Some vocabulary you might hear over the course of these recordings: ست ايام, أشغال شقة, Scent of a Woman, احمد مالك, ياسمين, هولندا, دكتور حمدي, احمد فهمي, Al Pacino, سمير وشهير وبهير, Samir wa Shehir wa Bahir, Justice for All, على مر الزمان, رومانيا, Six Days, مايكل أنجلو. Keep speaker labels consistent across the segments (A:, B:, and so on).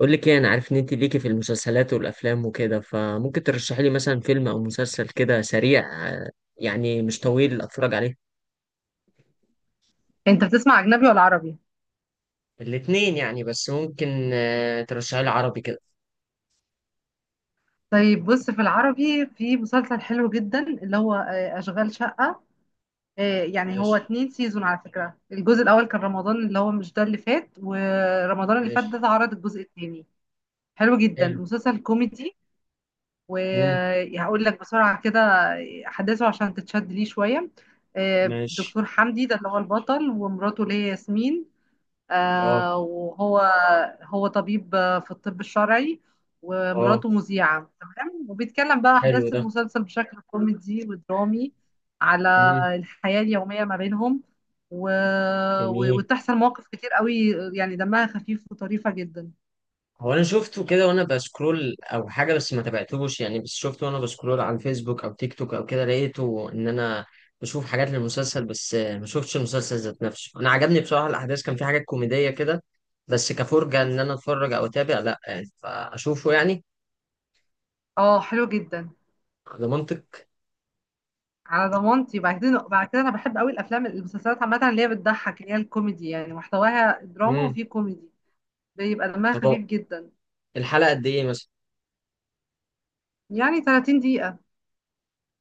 A: قول لك ايه؟ انا عارف ان انت ليكي في المسلسلات والافلام وكده، فممكن ترشحي لي مثلا فيلم او مسلسل كده سريع. يعني مش طويل اتفرج عليه.
B: انت بتسمع اجنبي ولا عربي؟
A: الاتنين يعني، بس ممكن ترشحي لي عربي كده.
B: طيب بص، في العربي في مسلسل حلو جدا اللي هو اشغال شقة. يعني هو
A: ماشي،
B: اتنين سيزون. على فكرة الجزء الاول كان رمضان اللي هو مش ده اللي فات، ورمضان اللي فات ده
A: ماشي.
B: اتعرض الجزء التاني. حلو جدا
A: حلو.
B: مسلسل كوميدي.
A: امم
B: وهقول لك بسرعة كده احداثه عشان تتشد ليه شوية.
A: ماشي.
B: دكتور حمدي ده اللي هو البطل، ومراته اللي هي ياسمين.
A: اه.
B: وهو طبيب في الطب الشرعي،
A: اه،
B: ومراته مذيعة. تمام. وبيتكلم بقى
A: حلو
B: أحداث
A: ده.
B: المسلسل بشكل كوميدي ودرامي على
A: امم
B: الحياة اليومية ما بينهم. و...
A: جميل.
B: وتحصل مواقف كتير قوي. يعني دمها خفيف وطريفة جدا.
A: هو انا شفته كده وانا بسكرول او حاجه، بس ما تابعتهوش يعني، بس شفته وانا بسكرول على الفيسبوك او تيك توك او كده، لقيته ان انا بشوف حاجات للمسلسل، بس ما شفتش المسلسل ذات نفسه. انا عجبني بصراحه الاحداث، كان في حاجات كوميديه كده، بس كفرجه ان انا اتفرج او اتابع، لا يعني، فاشوفه يعني.
B: اه، حلو جدا.
A: ده منطق.
B: على ضمانتي. بعد كده انا بحب قوي الافلام المسلسلات عامه اللي هي بتضحك، اللي هي الكوميدي. يعني محتواها دراما
A: امم
B: وفيه كوميدي، بيبقى دمها
A: طب هو
B: خفيف جدا.
A: الحلقه قد ايه مثلا؟
B: يعني 30 دقيقة.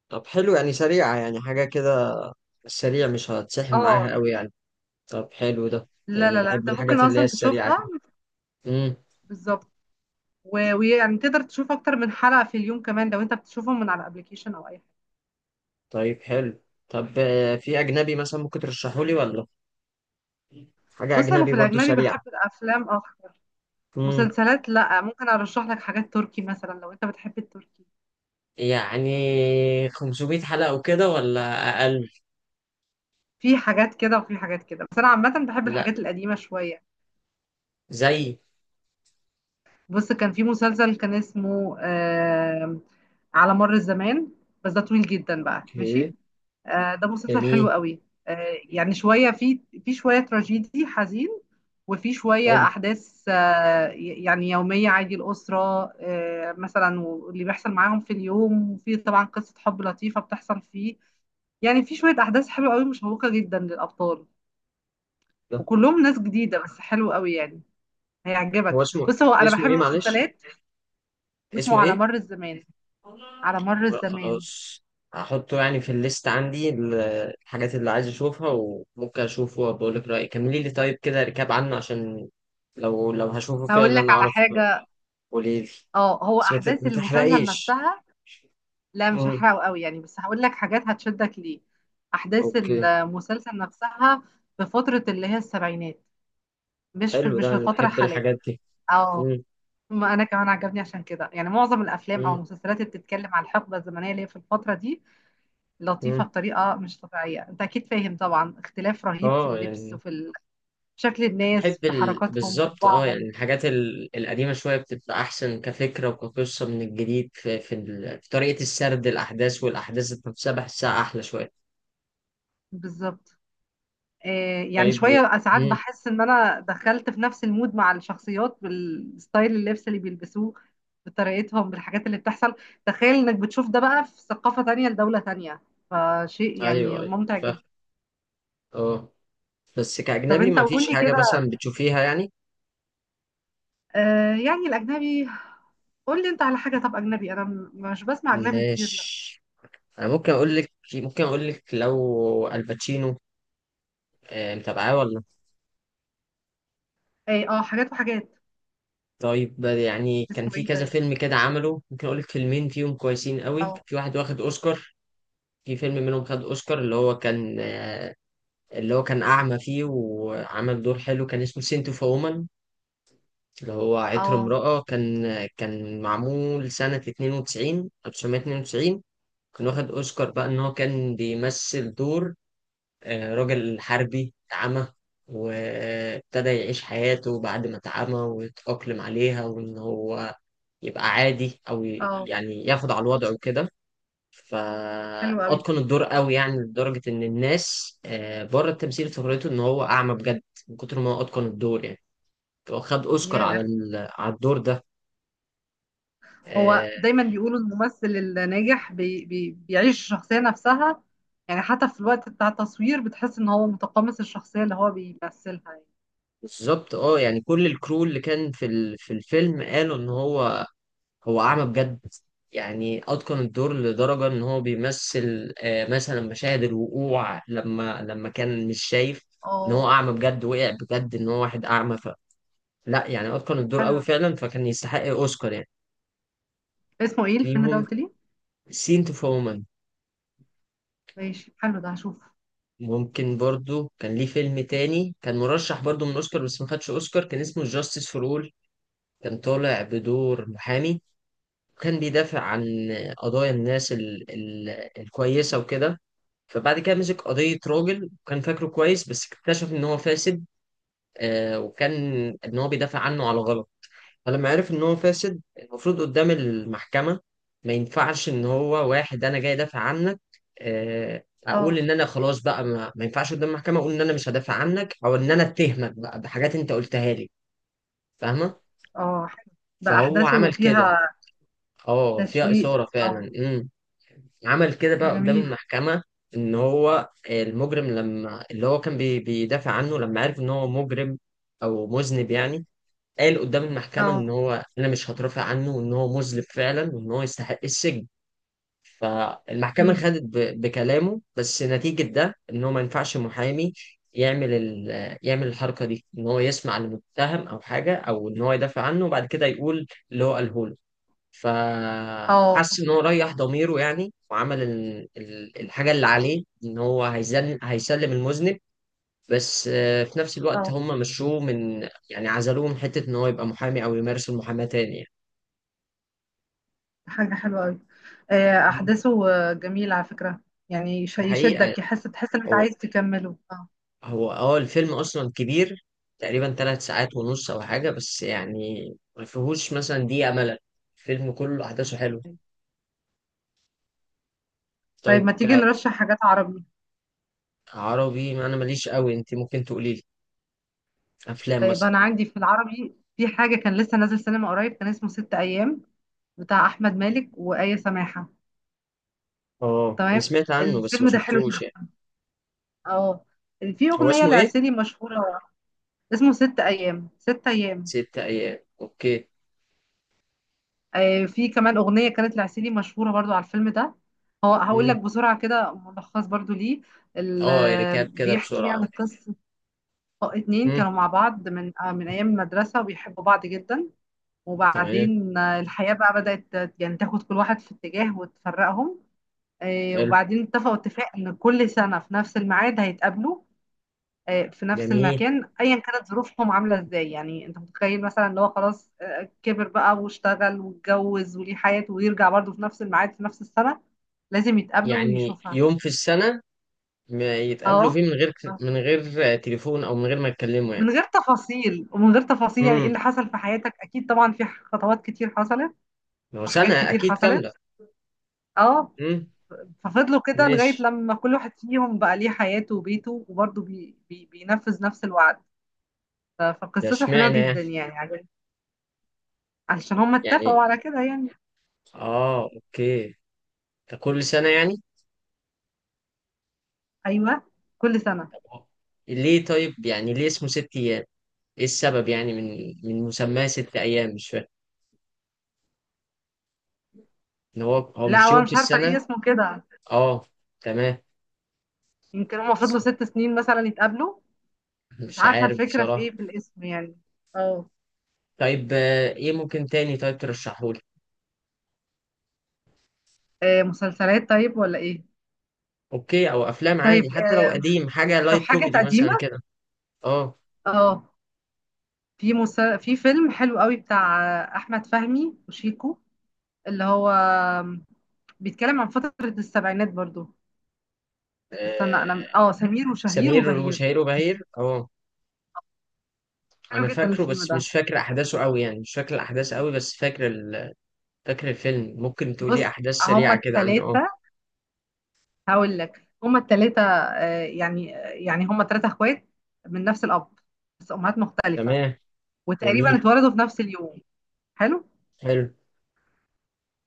A: طب حلو، يعني سريعه، يعني حاجه كده سريع، مش هتسحل معاها
B: اه.
A: قوي يعني. طب حلو ده.
B: لا
A: يعني
B: لا لا،
A: بحب
B: انت ممكن
A: الحاجات اللي هي
B: اصلا
A: السريعه
B: تشوفها.
A: كده. مم.
B: بالظبط. ويعني تقدر تشوف اكتر من حلقة في اليوم كمان، لو انت بتشوفهم من على ابلكيشن او اي حاجة.
A: طيب حلو. طب في أجنبي مثلا ممكن ترشحه لي ولا؟ حاجة
B: بص انا
A: أجنبي
B: في
A: برضو
B: الاجنبي
A: سريعة.
B: بحب الافلام اكتر.
A: مم.
B: مسلسلات لا، ممكن ارشح لك حاجات تركي مثلا لو انت بتحب التركي.
A: يعني 500 حلقة وكده، ولا أقل؟
B: في حاجات كده وفي حاجات كده، بس انا عامة بحب
A: لا،
B: الحاجات القديمة شوية.
A: زي.
B: بص كان في مسلسل كان اسمه على مر الزمان. بس ده طويل جدا بقى.
A: اوكي.
B: ماشي. ده مسلسل
A: جميل.
B: حلو قوي. يعني شوية في شوية تراجيدي حزين، وفي شوية
A: حلو
B: أحداث يعني يومية عادي الأسرة. مثلا واللي بيحصل معاهم في اليوم، وفي طبعا قصة حب لطيفة بتحصل فيه. يعني في شوية أحداث حلوة قوي مشوقة جدا للأبطال،
A: ده.
B: وكلهم ناس جديدة. بس حلو قوي يعني،
A: هو
B: هيعجبك.
A: اسمه،
B: بص هو أنا
A: اسمه
B: بحب
A: ايه؟ معلش،
B: المسلسلات.
A: اسمه
B: بسمعه، على
A: ايه؟
B: مر الزمان، على مر
A: لا،
B: الزمان.
A: خلاص، هحطه يعني في الليست عندي الحاجات اللي عايز اشوفها، وممكن اشوفه وبقول لك رأيي. كملي لي طيب كده ركاب عنه، عشان لو هشوفه
B: هقول لك
A: فعلا
B: على
A: اعرف.
B: حاجة.
A: قولي لي.
B: اه، هو
A: بس
B: أحداث
A: ما
B: المسلسل
A: تحرقيش.
B: نفسها، لا مش
A: مم.
B: هحرقه قوي يعني، بس هقول لك حاجات هتشدك ليه. احداث
A: اوكي.
B: المسلسل نفسها في فتره اللي هي السبعينات، مش في
A: حلو
B: مش
A: ده،
B: في
A: انا
B: فتره
A: بحب
B: حاليه.
A: الحاجات دي.
B: اه،
A: مم.
B: ما انا كمان عجبني عشان كده. يعني معظم الافلام او
A: مم.
B: المسلسلات اللي بتتكلم عن الحقبه الزمنيه اللي هي في الفتره دي لطيفه
A: مم.
B: بطريقه مش طبيعيه. انت اكيد فاهم طبعا، اختلاف رهيب في
A: اه
B: اللبس،
A: يعني.
B: وفي شكل
A: بحب
B: الناس، في
A: ال...
B: حركاتهم، في
A: بالظبط، اه
B: طباعهم.
A: يعني الحاجات ال... القديمه شويه بتبقى احسن كفكره وكقصه من الجديد، ال... في طريقه السرد الاحداث، والاحداث ذات نفسها بحسها احلى شويه.
B: بالظبط. يعني
A: طيب.
B: شوية ساعات
A: مم.
B: بحس إن أنا دخلت في نفس المود مع الشخصيات، بالستايل، اللبس اللي بيلبسوه، بطريقتهم، بالحاجات اللي بتحصل. تخيل إنك بتشوف ده بقى في ثقافة تانية لدولة تانية، فشيء يعني
A: ايوه ايوه،
B: ممتع
A: فاهم.
B: جدا.
A: اه. بس
B: طب
A: كاجنبي
B: أنت
A: ما
B: قول
A: فيش
B: لي
A: حاجه
B: كده.
A: مثلا بتشوفيها يعني؟
B: يعني الأجنبي، قول لي أنت على حاجة. طب أجنبي أنا مش بسمع أجنبي كتير لا.
A: ماشي. انا ممكن اقول لك، ممكن اقول لك، لو الباتشينو متابعاه ولا؟
B: إيه، أه حاجات وحاجات.
A: طيب يعني كان
B: اسمه
A: في
B: إيه
A: كذا
B: طيب؟
A: فيلم كده عمله، ممكن اقول لك فيلمين فيهم كويسين قوي،
B: أه.
A: في واحد واخد اوسكار. في فيلم منهم خد اوسكار، اللي هو كان اللي هو كان اعمى فيه وعمل دور حلو، كان اسمه سنت اوف وومن، اللي هو عطر
B: أه.
A: امرأة. كان كان معمول سنة 92 1992. كان واخد اوسكار بقى ان هو كان بيمثل دور راجل حربي اعمى، وابتدى يعيش حياته بعد ما اتعمى، ويتأقلم عليها، وان هو يبقى عادي، او
B: أه،
A: يعني ياخد على الوضع وكده.
B: حلو قوي ده.
A: فاتقن الدور قوي يعني، لدرجه ان الناس بره التمثيل افتكرته ان هو اعمى بجد، من كتر ما هو اتقن الدور يعني. هو خد اوسكار على
B: ياه.
A: على الدور ده.
B: هو
A: آه،
B: دايما بيقولوا الممثل الناجح بي بي بيعيش الشخصية نفسها، يعني حتى في الوقت بتاع التصوير بتحس ان هو متقمص الشخصية اللي هو بيمثلها يعني.
A: بالظبط، اه يعني كل الكرو اللي كان في في الفيلم قالوا ان هو هو اعمى بجد. يعني اتقن الدور لدرجه ان هو بيمثل مثلا مشاهد الوقوع، لما كان مش شايف، ان
B: اه
A: هو اعمى بجد وقع بجد ان هو واحد اعمى. لا يعني اتقن الدور
B: حلو.
A: قوي فعلا، فكان يستحق اوسكار يعني.
B: اسمه ايه
A: في
B: الفيلم ده قلت لي؟
A: سين تو وومن.
B: ماشي حلو ده هشوف.
A: ممكن برضو، كان ليه فيلم تاني كان مرشح برضو من اوسكار بس ما خدش اوسكار، كان اسمه جاستس فور اول. كان طالع بدور محامي، وكان بيدافع عن قضايا الناس ال... ال... الكويسة وكده. فبعد كده مسك قضية راجل وكان فاكره كويس، بس اكتشف ان هو فاسد. آه، وكان ان هو بيدافع عنه على غلط. فلما عرف ان هو فاسد المفروض قدام المحكمة، ما ينفعش ان هو واحد انا جاي ادافع عنك. اقول
B: اه.
A: ان انا خلاص بقى، ما ينفعش قدام المحكمة اقول ان انا مش هدافع عنك، او ان انا اتهمك بقى بحاجات انت قلتها لي. فاهمة.
B: اه حلو ده.
A: فهو
B: احداثه
A: عمل كده.
B: فيها
A: اه فيها
B: تشويق،
A: إثارة
B: اه.
A: فعلا. امم. عمل كده
B: ده
A: بقى قدام
B: جميل.
A: المحكمة، ان هو المجرم، لما اللي هو كان بيدافع عنه، لما عرف ان هو مجرم او مذنب يعني، قال قدام المحكمة إن
B: اه.
A: هو أنا مش هترافع عنه، وإن هو مذنب فعلا، وإن هو يستحق السجن. فالمحكمة
B: امم.
A: خدت بكلامه، بس نتيجة ده إن هو ما ينفعش محامي يعمل يعمل الحركة دي، إن هو يسمع لمتهم أو حاجة، أو إن هو يدافع عنه وبعد كده يقول اللي هو قاله له.
B: اه.
A: فحس إن هو
B: فهمك.
A: ريح ضميره يعني، وعمل الحاجة اللي عليه، إن هو هيسلم المذنب. بس في نفس الوقت
B: اه.
A: هم مشوه من، يعني عزلوه من حتة إن هو يبقى محامي أو يمارس المحاماة تاني يعني.
B: حاجة حلوة قوي.
A: مم.
B: احداثه جميلة على فكرة. يعني
A: دي حقيقة.
B: يشدك، تحس ان انت
A: هو
B: عايز تكمله، اه.
A: هو اه الفيلم أصلا كبير، تقريبا 3 ساعات ونص أو حاجة، بس يعني ما فيهوش مثلا دقيقة ملل، الفيلم كله أحداثه حلوة.
B: طيب ما
A: طيب.
B: تيجي نرشح حاجات عربي.
A: كعربي ما أنا ماليش قوي، أنت ممكن تقولي لي أفلام
B: طيب
A: مثلا.
B: انا عندي في العربي في حاجه كان لسه نازل سينما قريب كان اسمه ست ايام، بتاع احمد مالك وآية سماحه.
A: اه أنا
B: تمام.
A: سمعت عنه بس ما
B: الفيلم ده حلو
A: شفتوش
B: جدا،
A: يعني.
B: اه. في
A: هو
B: اغنيه
A: اسمه إيه؟
B: لعسيلي مشهوره. اسمه ست ايام، ست ايام.
A: ست أيام، أوكي.
B: آه، في كمان اغنيه كانت لعسيلي مشهوره برضو على الفيلم ده. هو هقول لك
A: مم.
B: بسرعه كده ملخص برضو ليه.
A: اه، ركاب كده
B: بيحكي يعني
A: بسرعة.
B: قصه اتنين
A: مم.
B: كانوا مع بعض من ايام المدرسه، وبيحبوا بعض جدا.
A: تمام.
B: وبعدين الحياة بقى بدأت يعني تاخد كل واحد في اتجاه وتفرقهم.
A: حلو.
B: وبعدين اتفقوا اتفاق ان كل سنة في نفس الميعاد هيتقابلوا، في نفس
A: جميل.
B: المكان، ايا كانت ظروفهم عاملة ازاي. يعني انت متخيل مثلا ان هو خلاص كبر بقى واشتغل واتجوز وليه حياته، ويرجع برضه في نفس الميعاد في نفس السنة. لازم يتقابلوا
A: يعني
B: ويشوفها.
A: يوم في السنة ما يتقابلوا
B: اه،
A: فيه، من غير، من غير تليفون، أو من غير ما يتكلموا يعني.
B: من غير تفاصيل، ومن غير تفاصيل يعني ايه
A: امم.
B: اللي حصل في حياتك. اكيد طبعا في خطوات كتير حصلت،
A: هو
B: وحاجات
A: سنة
B: كتير
A: أكيد
B: حصلت.
A: كاملة.
B: اه،
A: امم.
B: ففضلوا كده لغاية
A: ماشي.
B: لما كل واحد فيهم بقى ليه حياته وبيته، وبرضه بي بي بينفذ نفس الوعد.
A: ده
B: فقصته حلوة
A: اشمعنى يعني؟
B: جدا، يعني عجبتني. علشان هم اتفقوا
A: يعني،
B: على كده يعني.
A: آه أوكي، ده كل سنة يعني.
B: أيوة، كل سنة.
A: طب ليه طيب، يعني ليه اسمه ست أيام؟ إيه السبب؟ يعني من مسماه ست أيام مش فاهم. إن هو، هو
B: لا
A: مش
B: هو أنا
A: يوم في
B: مش عارفة ليه
A: السنة؟
B: اسمه كده.
A: آه، تمام.
B: يمكن هم فضلوا ست سنين مثلا يتقابلوا. مش
A: مش
B: عارفة
A: عارف
B: الفكرة في
A: بصراحة.
B: ايه في الاسم يعني. اه.
A: طيب إيه ممكن تاني طيب ترشحهولي؟
B: مسلسلات طيب ولا ايه؟
A: اوكي، او افلام عادي،
B: طيب.
A: حتى لو قديم، حاجه
B: طب
A: لايت
B: حاجة
A: كوميدي
B: قديمة.
A: مثلا كده. اه.
B: اه. في فيلم حلو قوي بتاع أحمد فهمي وشيكو، اللي هو بيتكلم عن فترة السبعينات برضو. استنى
A: آه،
B: انا، اه، سمير وشهير
A: سمير
B: وبهير.
A: وشهير وبهير، اه.
B: حلو
A: انا
B: جدا
A: فاكره
B: الفيلم
A: بس
B: ده.
A: مش فاكر احداثه قوي يعني، مش فاكر الاحداث قوي، بس فاكر ال... فاكر الفيلم. ممكن تقولي
B: بص
A: احداث
B: هما
A: سريعه كده عنه. اه.
B: التلاتة. هقول لك هما التلاتة. يعني هما تلاتة اخوات من نفس الأب بس أمهات مختلفة،
A: تمام.
B: وتقريبا
A: جميل.
B: اتولدوا في نفس اليوم. حلو.
A: حلو.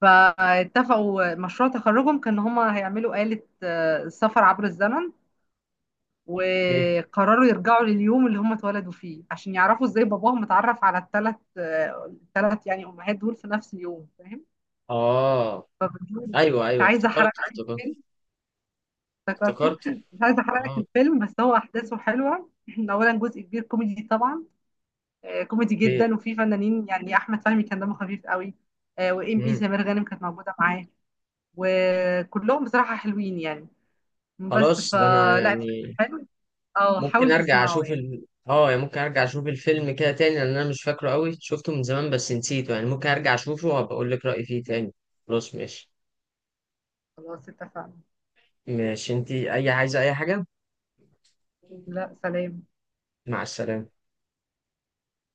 B: فاتفقوا مشروع تخرجهم كان هما هيعملوا آلة سفر عبر الزمن.
A: اوكي.
B: وقرروا يرجعوا لليوم اللي هم اتولدوا فيه، عشان يعرفوا ازاي باباهم اتعرف على الثلاث يعني امهات دول في نفس اليوم. فاهم.
A: اه.
B: فبتقول مش
A: ايوه ايوه،
B: عايزه احرق
A: افتكرت،
B: لك
A: افتكرت،
B: الفيلم. افتكرته
A: افتكرت.
B: مش عايزه احرق لك
A: اه.
B: الفيلم، بس هو احداثه حلوه اولا جزء كبير كوميدي طبعا. كوميدي
A: اوكي.
B: جدا، وفي فنانين يعني احمد فهمي كان دمه خفيف قوي. وايمي
A: امم
B: سمير غانم كانت موجوده معاه، وكلهم بصراحه حلوين يعني. بس
A: خلاص ده انا
B: فلا، الفيلم
A: يعني
B: حلو، اه
A: ممكن
B: حاول
A: ارجع
B: تسمعه
A: اشوف
B: يعني.
A: ال... اه يعني ممكن ارجع اشوف الفيلم كده تاني، لان انا مش فاكره قوي، شفته من زمان بس نسيته يعني، ممكن ارجع اشوفه وابقى اقول لك رايي فيه تاني. خلاص ماشي.
B: خلاص اتفقنا.
A: ماشي، انتي اي عايزه اي حاجه.
B: لا سلام.
A: مع السلامه.